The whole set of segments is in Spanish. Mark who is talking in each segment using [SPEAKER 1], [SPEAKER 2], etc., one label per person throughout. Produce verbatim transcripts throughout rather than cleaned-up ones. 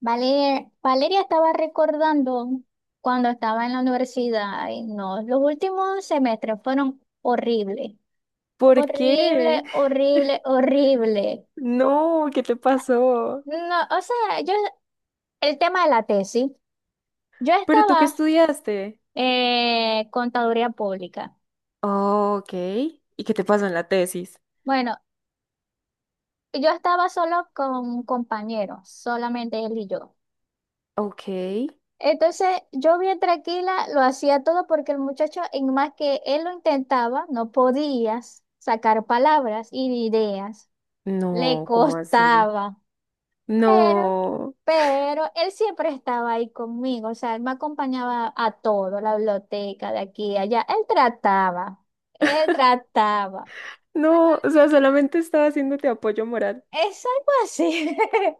[SPEAKER 1] Vale- Valeria estaba recordando cuando estaba en la universidad, ay, no, los últimos semestres fueron horribles,
[SPEAKER 2] ¿Por qué?
[SPEAKER 1] horrible, horrible, horrible.
[SPEAKER 2] No, ¿qué te pasó?
[SPEAKER 1] No, o sea, yo, el tema de la tesis, yo
[SPEAKER 2] ¿Pero tú qué
[SPEAKER 1] estaba
[SPEAKER 2] estudiaste?
[SPEAKER 1] eh, contaduría pública.
[SPEAKER 2] Oh, ok. ¿Y qué te pasó en la tesis?
[SPEAKER 1] Bueno, yo estaba solo con un compañero, solamente él y yo.
[SPEAKER 2] Ok.
[SPEAKER 1] Entonces yo bien tranquila lo hacía todo porque el muchacho, en más que él lo intentaba, no podía sacar palabras y ideas. Le
[SPEAKER 2] No, ¿cómo así?
[SPEAKER 1] costaba, pero,
[SPEAKER 2] No,
[SPEAKER 1] pero él siempre estaba ahí conmigo. O sea, él me acompañaba a todo, la biblioteca de aquí, allá. Él trataba, él trataba.
[SPEAKER 2] no, o sea, solamente estaba haciéndote apoyo moral.
[SPEAKER 1] Es algo así.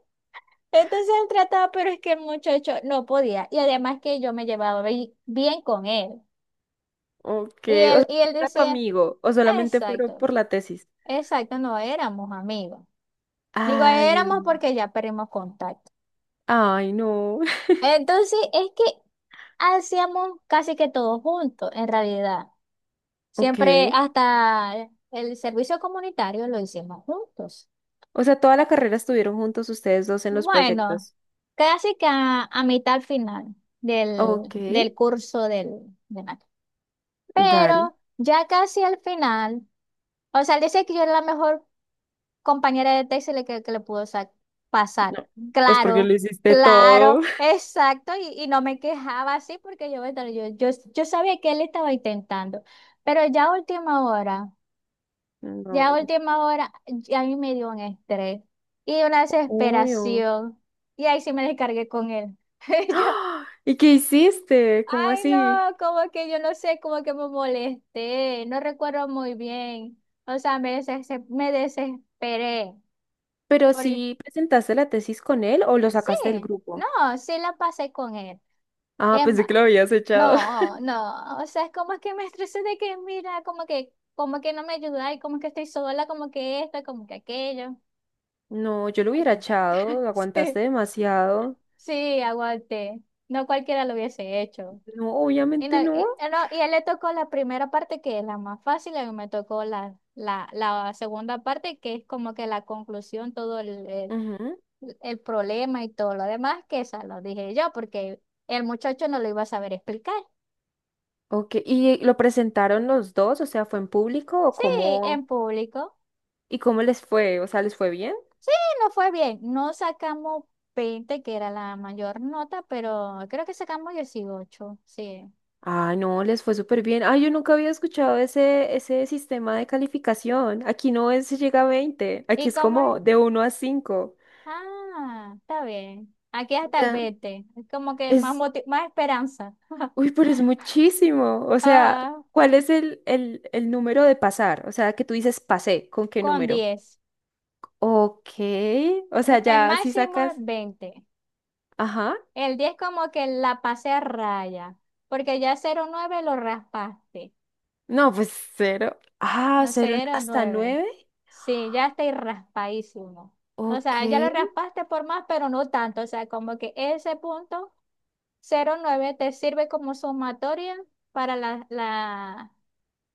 [SPEAKER 1] Entonces él trataba, pero es que el muchacho no podía. Y además que yo me llevaba bi- bien con él.
[SPEAKER 2] Ok,
[SPEAKER 1] Y
[SPEAKER 2] o
[SPEAKER 1] él,
[SPEAKER 2] sea,
[SPEAKER 1] y él
[SPEAKER 2] ¿era tu
[SPEAKER 1] decía...
[SPEAKER 2] amigo o solamente fueron
[SPEAKER 1] Exacto,
[SPEAKER 2] por la tesis?
[SPEAKER 1] exacto, no éramos amigos. Digo,
[SPEAKER 2] Ay, Dios
[SPEAKER 1] éramos
[SPEAKER 2] mío.
[SPEAKER 1] porque ya perdimos contacto.
[SPEAKER 2] Ay, no.
[SPEAKER 1] Entonces, es que hacíamos casi que todo juntos, en realidad.
[SPEAKER 2] Ok.
[SPEAKER 1] Siempre hasta el servicio comunitario lo hicimos juntos.
[SPEAKER 2] O sea, toda la carrera estuvieron juntos ustedes dos en los
[SPEAKER 1] Bueno,
[SPEAKER 2] proyectos.
[SPEAKER 1] casi que a, a mitad final del,
[SPEAKER 2] Ok,
[SPEAKER 1] del curso del, de nat-
[SPEAKER 2] dale.
[SPEAKER 1] Pero ya casi al final, o sea, él dice que yo era la mejor compañera de Texas le- que, que le pudo sa- pasar.
[SPEAKER 2] No, pues porque lo
[SPEAKER 1] Claro,
[SPEAKER 2] hiciste
[SPEAKER 1] claro,
[SPEAKER 2] todo.
[SPEAKER 1] exacto. Y, y no me quejaba así porque yo, bueno, yo, yo, yo sabía que él estaba intentando. Pero ya a última hora, ya a
[SPEAKER 2] No,
[SPEAKER 1] última hora, ya a mí me dio un estrés y una
[SPEAKER 2] obvio.
[SPEAKER 1] desesperación. Y ahí sí me descargué con él. Yo,
[SPEAKER 2] ¡Ah! ¿Y qué hiciste? ¿Cómo
[SPEAKER 1] ay,
[SPEAKER 2] así?
[SPEAKER 1] no, como que yo no sé, como que me molesté, no recuerdo muy bien. O sea, me, deses- me desesperé.
[SPEAKER 2] ¿Pero
[SPEAKER 1] Porque
[SPEAKER 2] sí presentaste la tesis con él o lo
[SPEAKER 1] sí,
[SPEAKER 2] sacaste del
[SPEAKER 1] no,
[SPEAKER 2] grupo?
[SPEAKER 1] sí la pasé con él.
[SPEAKER 2] Ah, pensé
[SPEAKER 1] Emma,
[SPEAKER 2] que lo habías echado.
[SPEAKER 1] no, no, o sea, es como que me estresé de que, mira, como que, como que, no me ayuda y como que estoy sola, como que esto, como que aquello.
[SPEAKER 2] No, yo lo
[SPEAKER 1] Ay,
[SPEAKER 2] hubiera
[SPEAKER 1] que-
[SPEAKER 2] echado, lo aguantaste
[SPEAKER 1] sí,
[SPEAKER 2] demasiado.
[SPEAKER 1] sí, aguante. No cualquiera lo hubiese hecho.
[SPEAKER 2] No,
[SPEAKER 1] Y,
[SPEAKER 2] obviamente
[SPEAKER 1] no,
[SPEAKER 2] no.
[SPEAKER 1] y, eh, no, y a él le tocó la primera parte que es la más fácil, a mí me tocó la, la, la segunda parte que es como que la conclusión, todo
[SPEAKER 2] Ujú.
[SPEAKER 1] el problema y todo lo demás, que esa lo dije yo, porque el muchacho no lo iba a saber explicar.
[SPEAKER 2] Ok, ¿y lo presentaron los dos? O sea, ¿fue en público o
[SPEAKER 1] Sí,
[SPEAKER 2] cómo?
[SPEAKER 1] en público.
[SPEAKER 2] ¿Y cómo les fue? O sea, ¿les fue bien?
[SPEAKER 1] Sí, no fue bien. No sacamos veinte que era la mayor nota, pero creo que sacamos dieciocho. Sí.
[SPEAKER 2] Ah, no, les fue súper bien. Ah, yo nunca había escuchado ese, ese sistema de calificación. Aquí no es si llega a veinte, aquí
[SPEAKER 1] ¿Y
[SPEAKER 2] es
[SPEAKER 1] cómo es?
[SPEAKER 2] como de uno a cinco.
[SPEAKER 1] Ah, está bien. Aquí
[SPEAKER 2] O
[SPEAKER 1] hasta el
[SPEAKER 2] sea,
[SPEAKER 1] veinte es como que más,
[SPEAKER 2] es,
[SPEAKER 1] moti- más esperanza.
[SPEAKER 2] uy, pero es muchísimo. O sea,
[SPEAKER 1] Ajá,
[SPEAKER 2] ¿cuál es el, el, el número de pasar? O sea, que tú dices pasé, ¿con qué
[SPEAKER 1] con
[SPEAKER 2] número?
[SPEAKER 1] diez.
[SPEAKER 2] Ok, o sea,
[SPEAKER 1] El
[SPEAKER 2] ya si
[SPEAKER 1] máximo es
[SPEAKER 2] sacas,
[SPEAKER 1] veinte.
[SPEAKER 2] ajá,
[SPEAKER 1] El diez como que la pasé a raya, porque ya cero nueve lo raspaste.
[SPEAKER 2] no, pues cero. Ah,
[SPEAKER 1] No,
[SPEAKER 2] cero
[SPEAKER 1] cero
[SPEAKER 2] hasta
[SPEAKER 1] nueve.
[SPEAKER 2] nueve.
[SPEAKER 1] Sí, ya estoy raspadísimo. O
[SPEAKER 2] Ok,
[SPEAKER 1] sea, ya lo raspaste por más, pero no tanto. O sea, como que ese punto cero nueve te sirve como sumatoria para la, la,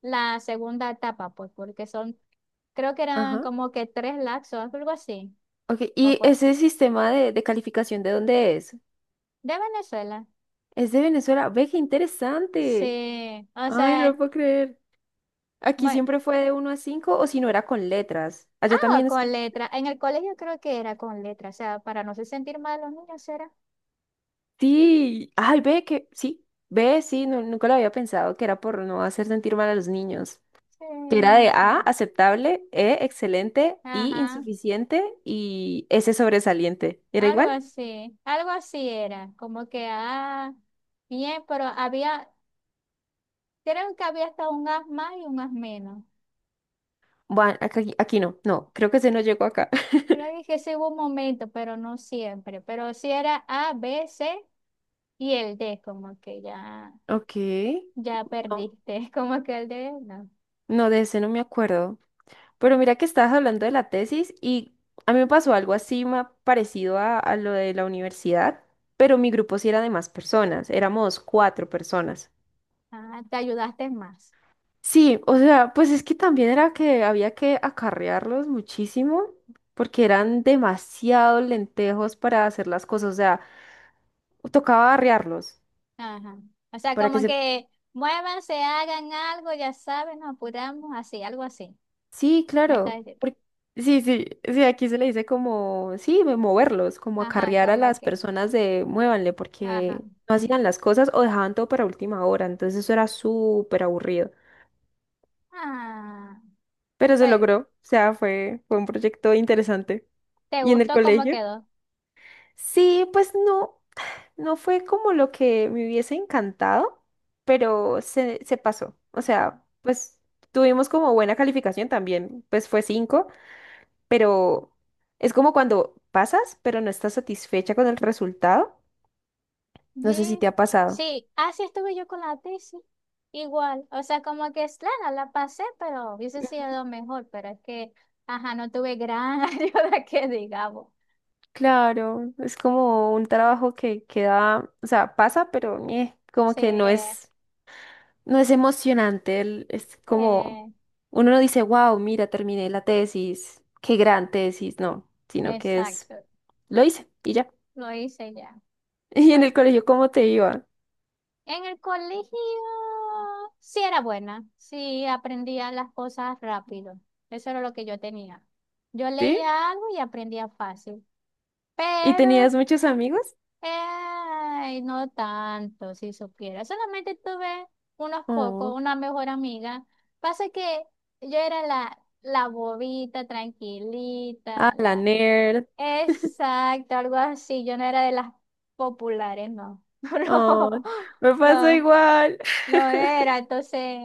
[SPEAKER 1] la segunda etapa, pues, porque son, creo que eran
[SPEAKER 2] ajá.
[SPEAKER 1] como que tres laxos, algo así,
[SPEAKER 2] Ok,
[SPEAKER 1] o
[SPEAKER 2] ¿y
[SPEAKER 1] cuatro.
[SPEAKER 2] ese sistema de, de calificación de dónde es?
[SPEAKER 1] De Venezuela.
[SPEAKER 2] Es de Venezuela. Ve qué interesante.
[SPEAKER 1] Sí, o
[SPEAKER 2] Ay, no
[SPEAKER 1] sea,
[SPEAKER 2] lo puedo creer. Aquí
[SPEAKER 1] bueno.
[SPEAKER 2] siempre fue de uno a cinco, o si no era con letras. Allá
[SPEAKER 1] Ah,
[SPEAKER 2] también es...
[SPEAKER 1] con letra. En el colegio creo que era con letra, o sea, para no se sentir mal los niños era.
[SPEAKER 2] Sí. Ay, ve que... Sí. Ve, sí. No- nunca lo había pensado que era por no hacer sentir mal a los niños.
[SPEAKER 1] Sí,
[SPEAKER 2] Que era de
[SPEAKER 1] no
[SPEAKER 2] A,
[SPEAKER 1] sé.
[SPEAKER 2] aceptable, E, excelente, I,
[SPEAKER 1] Ajá,
[SPEAKER 2] insuficiente y S, sobresaliente. ¿Era
[SPEAKER 1] algo
[SPEAKER 2] igual?
[SPEAKER 1] así, algo así era, como que, ah, bien, pero había, creo que había hasta un as más y un as menos.
[SPEAKER 2] Bueno, acá- aquí, no. No, creo que ese no llegó acá.
[SPEAKER 1] Creo que sí hubo un momento, pero no siempre, pero sí era A, B, C y el D, como que ya,
[SPEAKER 2] Ok.
[SPEAKER 1] ya
[SPEAKER 2] No,
[SPEAKER 1] perdiste, como que el D, no.
[SPEAKER 2] no, de ese no me acuerdo. Pero mira que estabas hablando de la tesis y a mí me pasó algo así ma- parecido a, a lo de la universidad, pero mi grupo sí era de más personas, éramos cuatro personas.
[SPEAKER 1] Ah, te ayudaste más.
[SPEAKER 2] Sí, o sea, pues es que también era que había que acarrearlos muchísimo porque eran demasiados lentejos para hacer las cosas, o sea, tocaba arrearlos
[SPEAKER 1] Ajá. O sea,
[SPEAKER 2] para que
[SPEAKER 1] como
[SPEAKER 2] se...
[SPEAKER 1] que muévanse, hagan algo, ya saben, nos apuramos, así, algo así.
[SPEAKER 2] Sí,
[SPEAKER 1] Me está
[SPEAKER 2] claro.
[SPEAKER 1] diciendo.
[SPEAKER 2] por- Sí, sí, sí, aquí se le dice como, sí, mo- moverlos, como
[SPEAKER 1] Ajá,
[SPEAKER 2] acarrear a
[SPEAKER 1] como
[SPEAKER 2] las
[SPEAKER 1] que.
[SPEAKER 2] personas de muévanle
[SPEAKER 1] Ajá.
[SPEAKER 2] porque no hacían las cosas o dejaban todo para última hora, entonces eso era súper aburrido.
[SPEAKER 1] Ah,
[SPEAKER 2] Pero se
[SPEAKER 1] pues,
[SPEAKER 2] logró, o sea, fue, fue un proyecto interesante.
[SPEAKER 1] ¿te
[SPEAKER 2] ¿Y en el
[SPEAKER 1] gustó cómo
[SPEAKER 2] colegio?
[SPEAKER 1] quedó?
[SPEAKER 2] Sí, pues no, no fue como lo que me hubiese encantado, pero se, se pasó. O sea, pues tuvimos como buena calificación también, pues fue cinco. Pero es como cuando pasas, pero no estás satisfecha con el resultado. No sé si
[SPEAKER 1] Sí.
[SPEAKER 2] te ha pasado.
[SPEAKER 1] Sí, así estuve yo con la tesis. Igual. O sea, como que es claro, la pasé, pero hubiese sido mejor, pero es que, ajá, no tuve gran ayuda que digamos.
[SPEAKER 2] Claro, es como un trabajo que queda, o sea, pasa, pero eh, como
[SPEAKER 1] Sí,
[SPEAKER 2] que no
[SPEAKER 1] eh,
[SPEAKER 2] es, no es emocionante. el- Es como, uno no dice, wow, mira, terminé la tesis, qué gran tesis, no, sino que es,
[SPEAKER 1] exacto.
[SPEAKER 2] lo hice y ya.
[SPEAKER 1] Lo hice ya.
[SPEAKER 2] Y en
[SPEAKER 1] Pero,
[SPEAKER 2] el colegio, ¿cómo te iba?
[SPEAKER 1] en el colegio sí era buena, sí aprendía las cosas rápido. Eso era lo que yo tenía. Yo
[SPEAKER 2] ¿Sí?
[SPEAKER 1] leía algo y aprendía fácil,
[SPEAKER 2] ¿Y tenías
[SPEAKER 1] pero
[SPEAKER 2] muchos amigos?
[SPEAKER 1] eh, no tanto, si supiera. Solamente tuve unos pocos,
[SPEAKER 2] Oh,
[SPEAKER 1] una mejor amiga. Pasa que yo era la, la bobita,
[SPEAKER 2] ah,
[SPEAKER 1] tranquilita,
[SPEAKER 2] la
[SPEAKER 1] la...
[SPEAKER 2] nerd.
[SPEAKER 1] Exacto, algo así. Yo no era de las populares, no.
[SPEAKER 2] Oh, me pasa
[SPEAKER 1] No, no,
[SPEAKER 2] igual.
[SPEAKER 1] no era, entonces,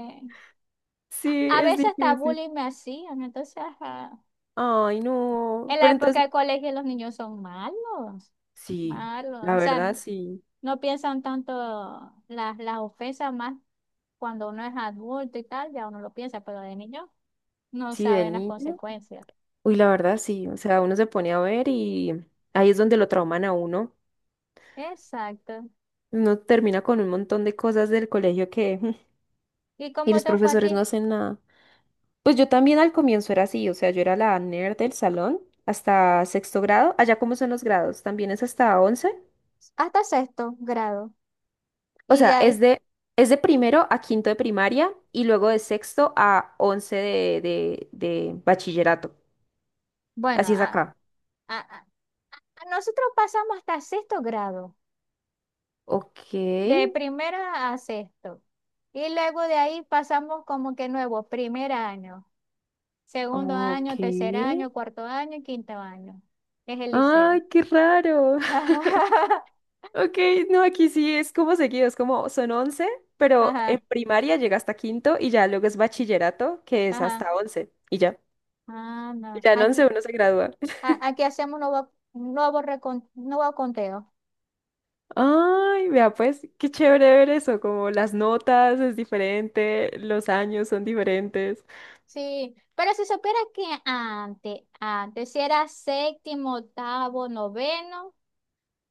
[SPEAKER 2] Sí,
[SPEAKER 1] a
[SPEAKER 2] es
[SPEAKER 1] veces hasta
[SPEAKER 2] difícil.
[SPEAKER 1] bullying me hacían, entonces, ajá.
[SPEAKER 2] Ay, no.
[SPEAKER 1] En la
[SPEAKER 2] Pero
[SPEAKER 1] época
[SPEAKER 2] entonces,
[SPEAKER 1] del colegio los niños son malos,
[SPEAKER 2] sí,
[SPEAKER 1] malos,
[SPEAKER 2] la
[SPEAKER 1] o sea,
[SPEAKER 2] verdad, sí.
[SPEAKER 1] no piensan tanto las, las ofensas más cuando uno es adulto y tal, ya uno lo piensa, pero de niño no
[SPEAKER 2] Sí, de
[SPEAKER 1] saben las
[SPEAKER 2] niño.
[SPEAKER 1] consecuencias.
[SPEAKER 2] Uy, la verdad, sí. O sea, uno se pone a ver y ahí es donde lo trauman a uno.
[SPEAKER 1] Exacto.
[SPEAKER 2] Uno termina con un montón de cosas del colegio que... mm,
[SPEAKER 1] ¿Y
[SPEAKER 2] Y
[SPEAKER 1] cómo
[SPEAKER 2] los
[SPEAKER 1] te fue a
[SPEAKER 2] profesores no
[SPEAKER 1] ti?
[SPEAKER 2] hacen nada. Pues yo también al comienzo era así. O sea, yo era la nerd del salón hasta sexto grado. Allá, ¿cómo son los grados? ¿También es hasta once?
[SPEAKER 1] Hasta sexto grado.
[SPEAKER 2] O
[SPEAKER 1] Y de
[SPEAKER 2] sea, es
[SPEAKER 1] ahí,
[SPEAKER 2] de, es de primero a quinto de primaria y luego de sexto a once de, de, de bachillerato.
[SPEAKER 1] bueno,
[SPEAKER 2] Así es
[SPEAKER 1] a,
[SPEAKER 2] acá.
[SPEAKER 1] a, a- a nosotros pasamos hasta sexto grado.
[SPEAKER 2] Ok,
[SPEAKER 1] De primera a sexto. Y luego de ahí pasamos como que nuevo, primer año, segundo
[SPEAKER 2] ok.
[SPEAKER 1] año, tercer año, cuarto año y quinto año. Es el liceo.
[SPEAKER 2] Ay, qué raro.
[SPEAKER 1] Ajá,
[SPEAKER 2] Ok, no, aquí sí es como seguido, es como son once, pero en
[SPEAKER 1] ajá,
[SPEAKER 2] primaria llega hasta quinto y ya luego es bachillerato, que es
[SPEAKER 1] ajá.
[SPEAKER 2] hasta once y ya.
[SPEAKER 1] Ah,
[SPEAKER 2] Y
[SPEAKER 1] no.
[SPEAKER 2] ya en once
[SPEAKER 1] Aquí,
[SPEAKER 2] uno se gradúa.
[SPEAKER 1] a- aquí hacemos nuevo, nuevo, recon- nuevo conteo.
[SPEAKER 2] Ay, vea pues, qué chévere ver eso, como las notas es diferente, los años son diferentes.
[SPEAKER 1] Sí, pero si supiera que antes, antes, si era séptimo, octavo, noveno.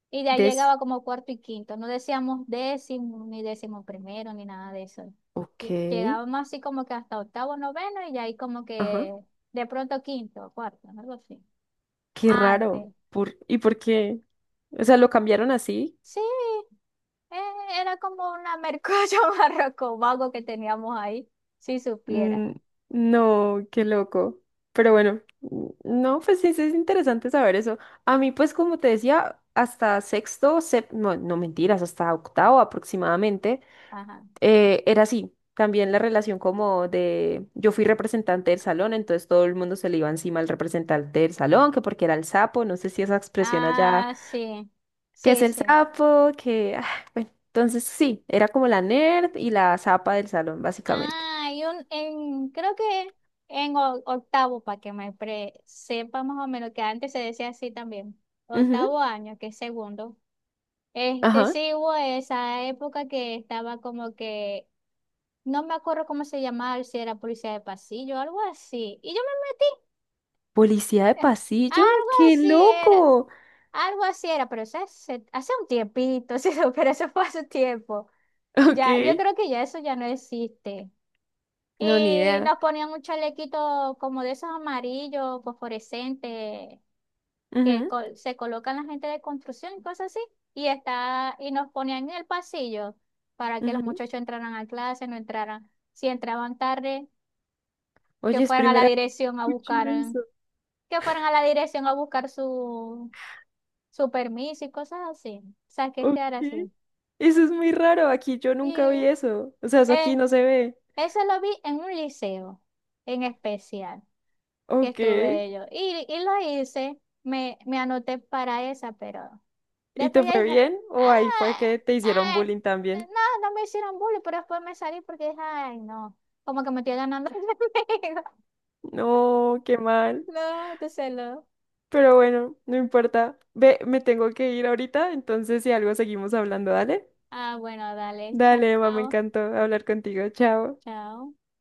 [SPEAKER 1] Y de ahí
[SPEAKER 2] Des.
[SPEAKER 1] llegaba como cuarto y quinto. No decíamos décimo, ni décimo primero, ni nada de eso.
[SPEAKER 2] Ok.
[SPEAKER 1] Lle- Llegábamos así como que hasta octavo, noveno, y de ahí como
[SPEAKER 2] Ajá.
[SPEAKER 1] que de pronto quinto, cuarto, algo así.
[SPEAKER 2] Qué
[SPEAKER 1] Antes.
[SPEAKER 2] raro. Por... ¿Y por qué? O sea, ¿lo cambiaron así?
[SPEAKER 1] Sí, eh, era como una mercocho barroco vago que teníamos ahí, si supiera.
[SPEAKER 2] Mm, no, qué loco. Pero bueno, mm, no, pues sí, sí es interesante saber eso. A mí, pues como te decía, hasta sexto, sep- no, no mentiras, hasta octavo aproximadamente,
[SPEAKER 1] Ajá.
[SPEAKER 2] eh, era así. También la relación como de, yo fui representante del salón, entonces todo el mundo se le iba encima al representante del salón, que porque era el sapo, no sé si esa expresión allá
[SPEAKER 1] Ah, sí.
[SPEAKER 2] que es
[SPEAKER 1] Sí,
[SPEAKER 2] el
[SPEAKER 1] sí.
[SPEAKER 2] sapo, que... ah, bueno, entonces sí, era como la nerd y la zapa del salón, básicamente.
[SPEAKER 1] Ah, hay un, en, creo que en o- octavo, para que me pre- sepa más o menos, que antes se decía así también,
[SPEAKER 2] Ujú.
[SPEAKER 1] octavo año, que es segundo. Este
[SPEAKER 2] Ajá.
[SPEAKER 1] sí hubo esa época que estaba como que, no me acuerdo cómo se llamaba, si era policía de pasillo, algo así. Y yo
[SPEAKER 2] ¿Policía de
[SPEAKER 1] me metí, eh,
[SPEAKER 2] pasillo?
[SPEAKER 1] algo
[SPEAKER 2] ¡Qué
[SPEAKER 1] así era,
[SPEAKER 2] loco!
[SPEAKER 1] algo así era, pero eso hace, hace un tiempito, sí, pero eso fue hace tiempo. Ya, yo
[SPEAKER 2] Ok.
[SPEAKER 1] creo que ya eso ya no existe.
[SPEAKER 2] No, ni
[SPEAKER 1] Y
[SPEAKER 2] idea.
[SPEAKER 1] nos ponían un chalequito como de esos amarillos, fosforescentes, que
[SPEAKER 2] Ujú,
[SPEAKER 1] co- se colocan la gente de construcción y cosas así. Y, está, y nos ponían en el pasillo para que los
[SPEAKER 2] ujú.
[SPEAKER 1] muchachos entraran a clase, no entraran. Si entraban tarde, que
[SPEAKER 2] Oye, es
[SPEAKER 1] fueran a la
[SPEAKER 2] primera vez
[SPEAKER 1] dirección a
[SPEAKER 2] que escucho
[SPEAKER 1] buscar,
[SPEAKER 2] eso.
[SPEAKER 1] que fueran a la dirección a buscar su, su permiso y cosas así. O sea, que
[SPEAKER 2] Ok.
[SPEAKER 1] quedar así.
[SPEAKER 2] Eso es muy raro. Aquí yo nunca vi
[SPEAKER 1] Y
[SPEAKER 2] eso. O sea, eso aquí
[SPEAKER 1] eh,
[SPEAKER 2] no se ve.
[SPEAKER 1] eso lo vi en un liceo en especial. Que
[SPEAKER 2] Ok.
[SPEAKER 1] estuve yo. Y, y lo hice, me, me anoté para esa, pero
[SPEAKER 2] ¿Y
[SPEAKER 1] después
[SPEAKER 2] te
[SPEAKER 1] ya
[SPEAKER 2] fue
[SPEAKER 1] dije,
[SPEAKER 2] bien? ¿O ahí fue que
[SPEAKER 1] ah,
[SPEAKER 2] te hicieron
[SPEAKER 1] ay,
[SPEAKER 2] bullying
[SPEAKER 1] eh,
[SPEAKER 2] también?
[SPEAKER 1] no, no me hicieron bullying, pero después me salí porque dije, ay, no, como que me estoy ganando. El enemigo".
[SPEAKER 2] No, qué mal.
[SPEAKER 1] No, entonces lo.
[SPEAKER 2] Pero bueno, no importa. Ve, me tengo que ir ahorita, entonces si algo seguimos hablando, dale.
[SPEAKER 1] Ah, bueno, dale,
[SPEAKER 2] Dale, mamá, me
[SPEAKER 1] chao,
[SPEAKER 2] encantó hablar contigo. Chao.
[SPEAKER 1] chao.